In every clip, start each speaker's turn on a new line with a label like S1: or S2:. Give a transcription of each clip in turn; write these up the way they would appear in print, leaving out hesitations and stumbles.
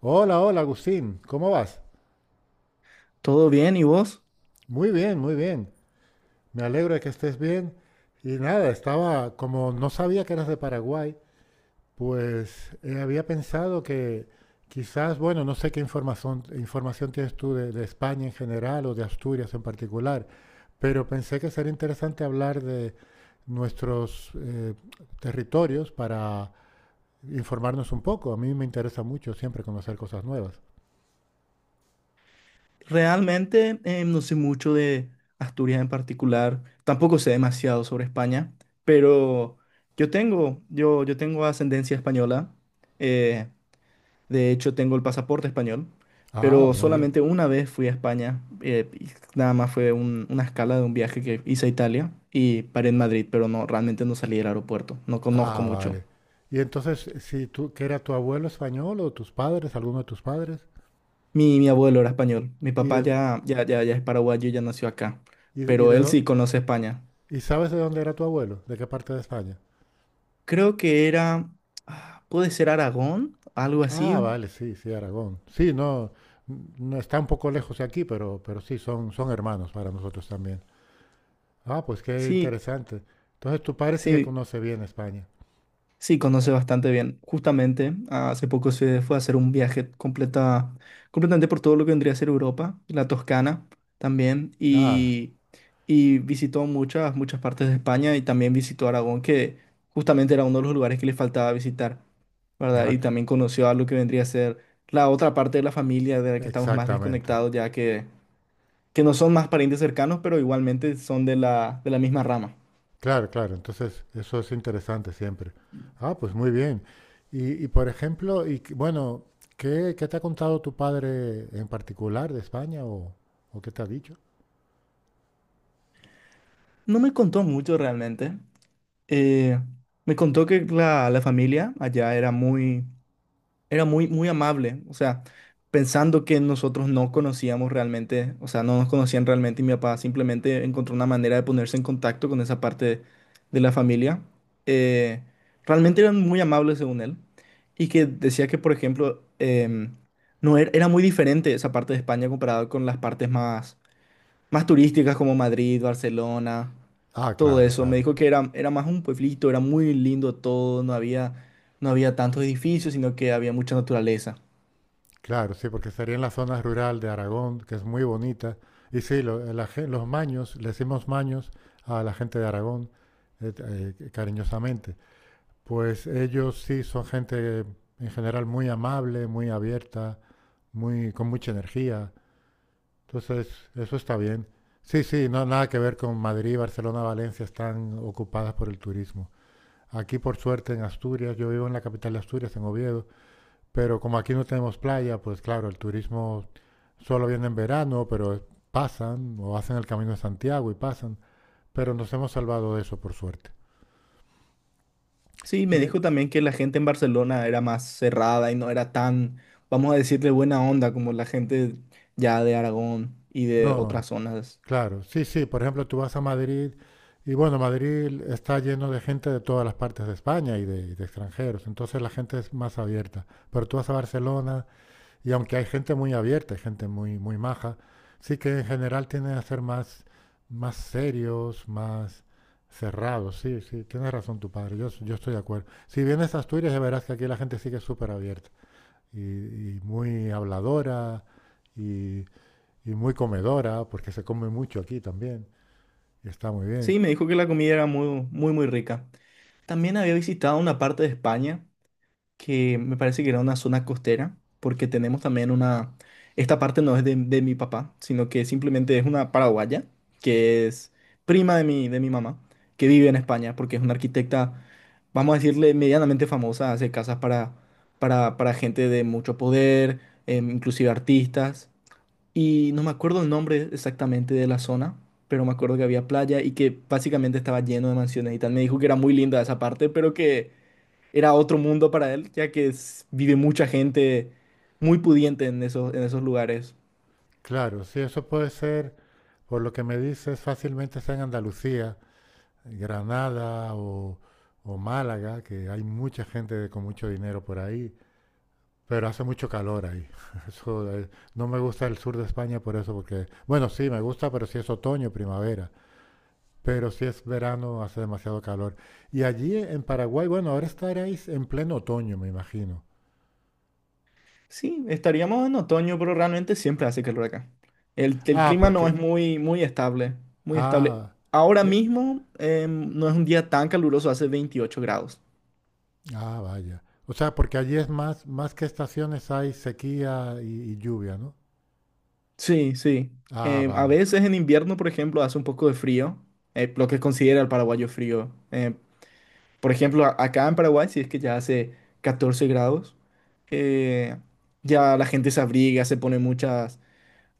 S1: Hola, hola Agustín, ¿cómo vas?
S2: ¿Todo bien? ¿Y vos?
S1: Muy bien, muy bien. Me alegro de que estés bien. Y nada, estaba, como no sabía que eras de Paraguay, pues había pensado que quizás, bueno, no sé qué información tienes tú de España en general o de Asturias en particular, pero pensé que sería interesante hablar de nuestros territorios para informarnos un poco. A mí me interesa mucho siempre conocer cosas nuevas.
S2: Realmente no sé mucho de Asturias en particular, tampoco sé demasiado sobre España, pero yo tengo ascendencia española, eh, de hecho tengo el pasaporte español,
S1: Ah,
S2: pero
S1: muy bien.
S2: solamente una vez fui a España, y nada más fue una escala de un viaje que hice a Italia y paré en Madrid, pero no, realmente no salí del aeropuerto, no conozco
S1: Ah,
S2: mucho.
S1: vale. Y entonces, si tú, ¿que era tu abuelo español o tus padres, alguno de tus padres?
S2: Mi abuelo era español, mi
S1: ¿Y
S2: papá ya es paraguayo y ya nació acá,
S1: y, de- y
S2: pero
S1: de
S2: él
S1: dó-
S2: sí conoce España.
S1: y sabes de dónde era tu abuelo? ¿De qué parte de España?
S2: Creo que era, puede ser Aragón, algo
S1: Ah,
S2: así.
S1: vale, sí, sí, Aragón. Sí, no, no está un poco lejos de aquí, pero sí, son, son hermanos para nosotros también. Ah, pues qué
S2: Sí,
S1: interesante. Entonces tu padre sí que
S2: sí,
S1: conoce bien España.
S2: sí, conoce bastante bien. Justamente, hace poco se fue a hacer un viaje completamente por todo lo que vendría a ser Europa, la Toscana también,
S1: Ah,
S2: y visitó muchas partes de España y también visitó Aragón, que justamente era uno de los lugares que le faltaba visitar, ¿verdad?
S1: ya,
S2: Y
S1: c-
S2: también conoció a lo que vendría a ser la otra parte de la familia de la que estamos más
S1: exactamente.
S2: desconectados, ya que no son más parientes cercanos, pero igualmente son de la misma rama.
S1: Claro, claro. Entonces, eso es interesante siempre. Ah, pues muy bien. Por ejemplo, bueno, ¿qué, qué te ha contado tu padre en particular de España o qué te ha dicho?
S2: No me contó mucho realmente. Eh, me contó que la familia allá era muy, era muy, muy amable. O sea, pensando que nosotros no conocíamos realmente, o sea, no nos conocían realmente, y mi papá simplemente encontró una manera de ponerse en contacto con esa parte de la familia. Eh, realmente eran muy amables según él, y que decía que, por ejemplo, em, no era, era muy diferente esa parte de España comparado con las partes más turísticas como Madrid, Barcelona,
S1: Ah,
S2: todo
S1: claro,
S2: eso. Me
S1: claro.
S2: dijo que era más un pueblito, era muy lindo todo, no había tantos edificios, sino que había mucha naturaleza.
S1: Claro, sí, porque estaría en la zona rural de Aragón, que es muy bonita. Y sí, los maños, le decimos maños a la gente de Aragón, eh, cariñosamente. Pues ellos sí son gente en general muy amable, muy abierta, muy, con mucha energía. Entonces, eso está bien. Sí, sí, no, nada que ver con Madrid, Barcelona, Valencia, están ocupadas por el turismo. Aquí, por suerte, en Asturias, yo vivo en la capital de Asturias, en Oviedo, pero como aquí no tenemos playa, pues claro, el turismo solo viene en verano, pero pasan o hacen el camino de Santiago y pasan, pero nos hemos salvado de eso, por suerte.
S2: Sí, me
S1: Y eh,
S2: dijo también que la gente en Barcelona era más cerrada y no era tan, vamos a decirle, buena onda como la gente ya de Aragón y de
S1: no,
S2: otras zonas.
S1: claro, sí, sí. Por ejemplo, tú vas a Madrid y bueno, Madrid está lleno de gente de todas las partes de España y de extranjeros, entonces la gente es más abierta. Pero tú vas a Barcelona y aunque hay gente muy abierta, hay gente muy, muy maja, sí que en general tienden a ser más, más serios, más cerrados. Sí, sí, tienes razón tu padre, yo estoy de acuerdo. Si vienes a Asturias ya verás que aquí la gente sí que es súper abierta y, y muy habladora y y muy comedora, porque se come mucho aquí también. Está muy bien.
S2: Sí, me dijo que la comida era muy, muy, muy rica. También había visitado una parte de España que me parece que era una zona costera, porque tenemos también una... Esta parte no es de mi papá, sino que simplemente es una paraguaya, que es prima de mi mamá, que vive en España, porque es una arquitecta, vamos a decirle, medianamente famosa, hace casas para gente de mucho poder, inclusive artistas, y no me acuerdo el nombre exactamente de la zona, pero me acuerdo que había playa y que básicamente estaba lleno de mansiones y tal. Me dijo que era muy linda esa parte, pero que era otro mundo para él, ya que vive mucha gente muy pudiente en esos lugares.
S1: Claro, sí, eso puede ser, por lo que me dices, fácilmente está en Andalucía, Granada o Málaga, que hay mucha gente con mucho dinero por ahí, pero hace mucho calor ahí. Eso, no me gusta el sur de España por eso, porque, bueno, sí, me gusta, pero si es otoño, primavera, pero si es verano, hace demasiado calor. Y allí en Paraguay, bueno, ahora estaréis en pleno otoño, me imagino.
S2: Sí, estaríamos en otoño, pero realmente siempre hace calor acá. El
S1: Ah,
S2: clima no es
S1: porque,
S2: muy, muy estable, muy estable.
S1: ah,
S2: Ahora
S1: e-
S2: mismo no es un día tan caluroso, hace 28 grados.
S1: Ah, vaya. O sea, porque allí es más, más que estaciones hay sequía y lluvia, ¿no?
S2: Sí, sí.
S1: Ah,
S2: A
S1: vale.
S2: veces en invierno, por ejemplo, hace un poco de frío, lo que considera el paraguayo frío. Por ejemplo, acá en Paraguay, si es que ya hace 14 grados, eh, ya la gente se abriga, se pone muchas,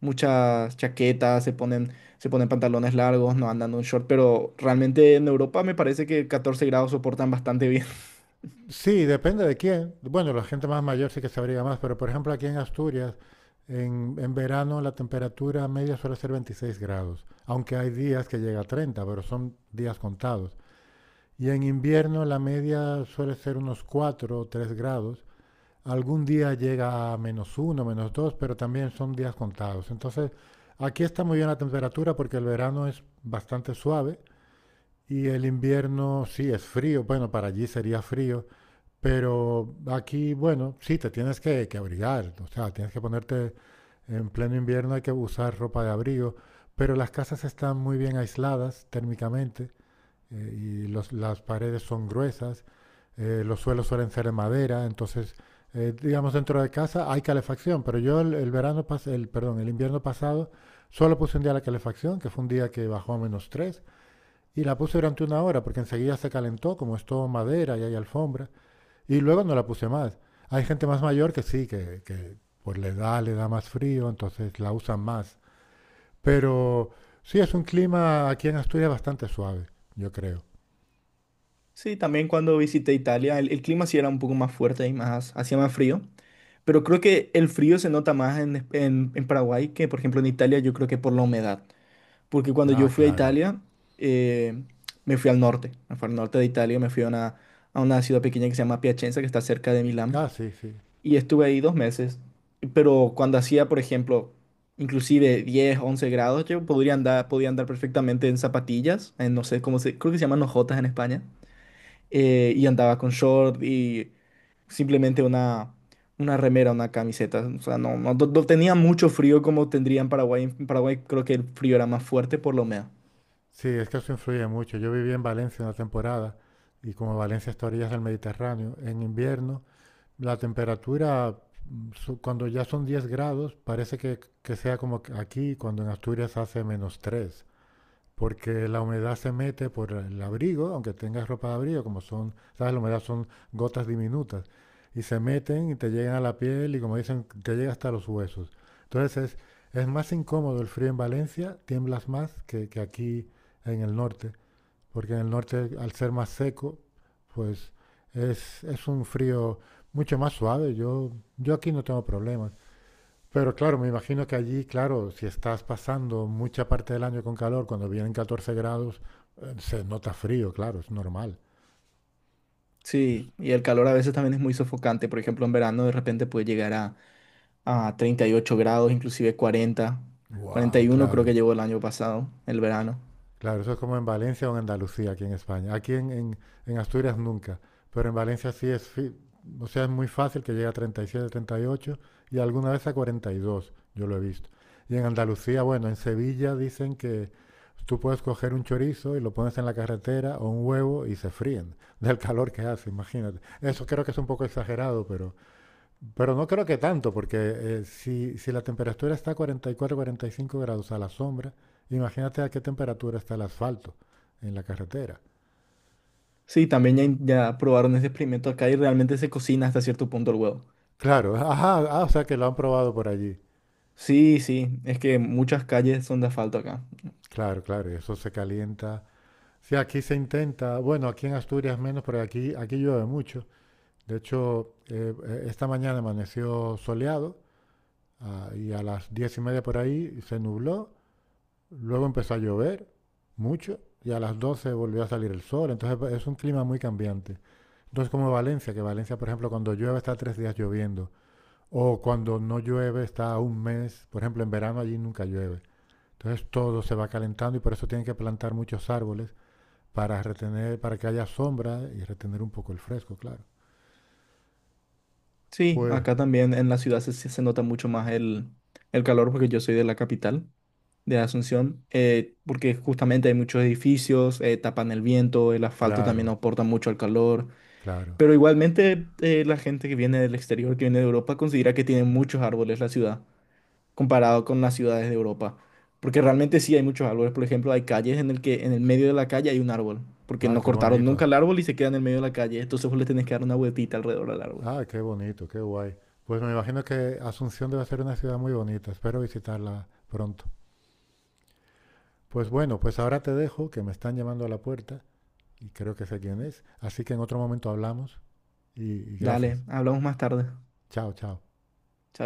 S2: muchas chaquetas, se ponen pantalones largos, no andan en un short, pero realmente en Europa me parece que 14 grados soportan bastante bien.
S1: Sí, depende de quién. Bueno, la gente más mayor sí que se abriga más, pero por ejemplo aquí en Asturias, en verano la temperatura media suele ser 26 grados, aunque hay días que llega a 30, pero son días contados. Y en invierno la media suele ser unos 4 o 3 grados, algún día llega a menos uno, menos dos, pero también son días contados. Entonces, aquí está muy bien la temperatura porque el verano es bastante suave y el invierno sí es frío. Bueno, para allí sería frío, pero aquí, bueno, sí, te tienes que abrigar. O sea, tienes que ponerte en pleno invierno, hay que usar ropa de abrigo, pero las casas están muy bien aisladas térmicamente, y las paredes son gruesas, los suelos suelen ser de madera, entonces, digamos, dentro de casa hay calefacción, pero el perdón, el invierno pasado solo puse un día la calefacción, que fue un día que bajó a menos 3 y la puse durante una hora, porque enseguida se calentó, como es todo madera y hay alfombra, y luego no la puse más. Hay gente más mayor que sí, que por la edad le da más frío, entonces la usan más. Pero sí, es un clima aquí en Asturias bastante suave, yo creo.
S2: Sí, también cuando visité Italia, el clima sí era un poco más fuerte y más, hacía más frío, pero creo que el frío se nota más en Paraguay que, por ejemplo, en Italia. Yo creo que por la humedad. Porque cuando
S1: Ah,
S2: yo fui a
S1: claro.
S2: Italia, eh, me fui al norte, me fui al norte de Italia, me fui A una, ciudad pequeña que se llama Piacenza, que está cerca de Milán,
S1: Ah, sí, sí.
S2: y estuve ahí 2 meses. Pero cuando hacía, por ejemplo, inclusive 10 11 grados, yo podía andar perfectamente en zapatillas, en no sé cómo se... Creo que se llaman hojotas en España, y andaba con short y simplemente una remera, una camiseta. O sea, no, no, no tenía mucho frío como tendría en Paraguay. En Paraguay creo que el frío era más fuerte, por lo menos.
S1: Sí, es que eso influye mucho. Yo viví en Valencia una temporada y como Valencia está a orillas del Mediterráneo, en invierno la cuando ya son 10 grados, parece que sea como que aquí, cuando en Asturias hace menos tres, porque la humedad se mete por el abrigo, aunque tengas ropa de abrigo, como son, sabes, la humedad son gotas diminutas, y se meten y te llegan a la piel y como dicen, te llega hasta los huesos. Entonces es más incómodo el frío en Valencia, tiemblas más que aquí en el norte, porque en el norte al ser más seco, pues es un frío mucho más suave. Yo aquí no tengo problemas. Pero claro, me imagino que allí, claro, si estás pasando mucha parte del año con calor, cuando vienen 14 grados, se nota frío, claro, es normal. Es-
S2: Sí, y el calor a veces también es muy sofocante. Por ejemplo, en verano de repente puede llegar a 38 grados, inclusive 40,
S1: wow,
S2: 41 creo
S1: claro.
S2: que llegó el año pasado, el verano.
S1: Claro, eso es como en Valencia o en Andalucía, aquí en España. En Asturias nunca, pero en Valencia sí o sea, es muy fácil que llegue a 37, 38 y alguna vez a 42. Yo lo he visto. Y en Andalucía, bueno, en Sevilla dicen que tú puedes coger un chorizo y lo pones en la carretera o un huevo y se fríen del calor que hace, imagínate. Eso creo que es un poco exagerado, pero no creo que tanto, porque si la temperatura está a 44, 45 grados a la sombra, imagínate a qué temperatura está el asfalto en la carretera.
S2: Sí, también ya, ya probaron ese experimento acá y realmente se cocina hasta cierto punto el huevo.
S1: Claro, ajá, ah, o sea que lo han probado por allí.
S2: Sí, sí, es que muchas calles son de asfalto acá.
S1: Claro, claro, y eso se calienta. Sí, aquí se intenta, bueno, aquí en Asturias menos, pero aquí, aquí llueve mucho. De hecho, esta mañana amaneció soleado, ah, y a las 10:30 por ahí se nubló. Luego empezó a llover mucho y a las 12 volvió a salir el sol. Entonces es un clima muy cambiante. Entonces como Valencia, que Valencia, por ejemplo, cuando llueve está tres días lloviendo. O cuando no llueve está un mes. Por ejemplo, en verano allí nunca llueve. Entonces todo se va calentando y por eso tienen que plantar muchos árboles para retener, para que haya sombra y retener un poco el fresco, claro.
S2: Sí,
S1: Pues,
S2: acá también en la ciudad se nota mucho más el calor, porque yo soy de la capital, de Asunción, porque justamente hay muchos edificios, tapan el viento, el asfalto también
S1: claro,
S2: aporta mucho al calor.
S1: claro.
S2: Pero igualmente la gente que viene del exterior, que viene de Europa, considera que tiene muchos árboles la ciudad, comparado con las ciudades de Europa. Porque realmente sí hay muchos árboles. Por ejemplo, hay calles en el que en el medio de la calle hay un árbol. Porque
S1: Ah,
S2: no
S1: qué
S2: cortaron
S1: bonito.
S2: nunca el árbol y se queda en el medio de la calle. Entonces vos le tenés que dar una vueltita alrededor del árbol.
S1: Ah, qué bonito, qué guay. Pues me imagino que Asunción debe ser una ciudad muy bonita. Espero visitarla pronto. Pues bueno, pues ahora te dejo, que me están llamando a la puerta y creo que sé quién es. Así que en otro momento hablamos y gracias.
S2: Dale, hablamos más tarde.
S1: Chao, chao.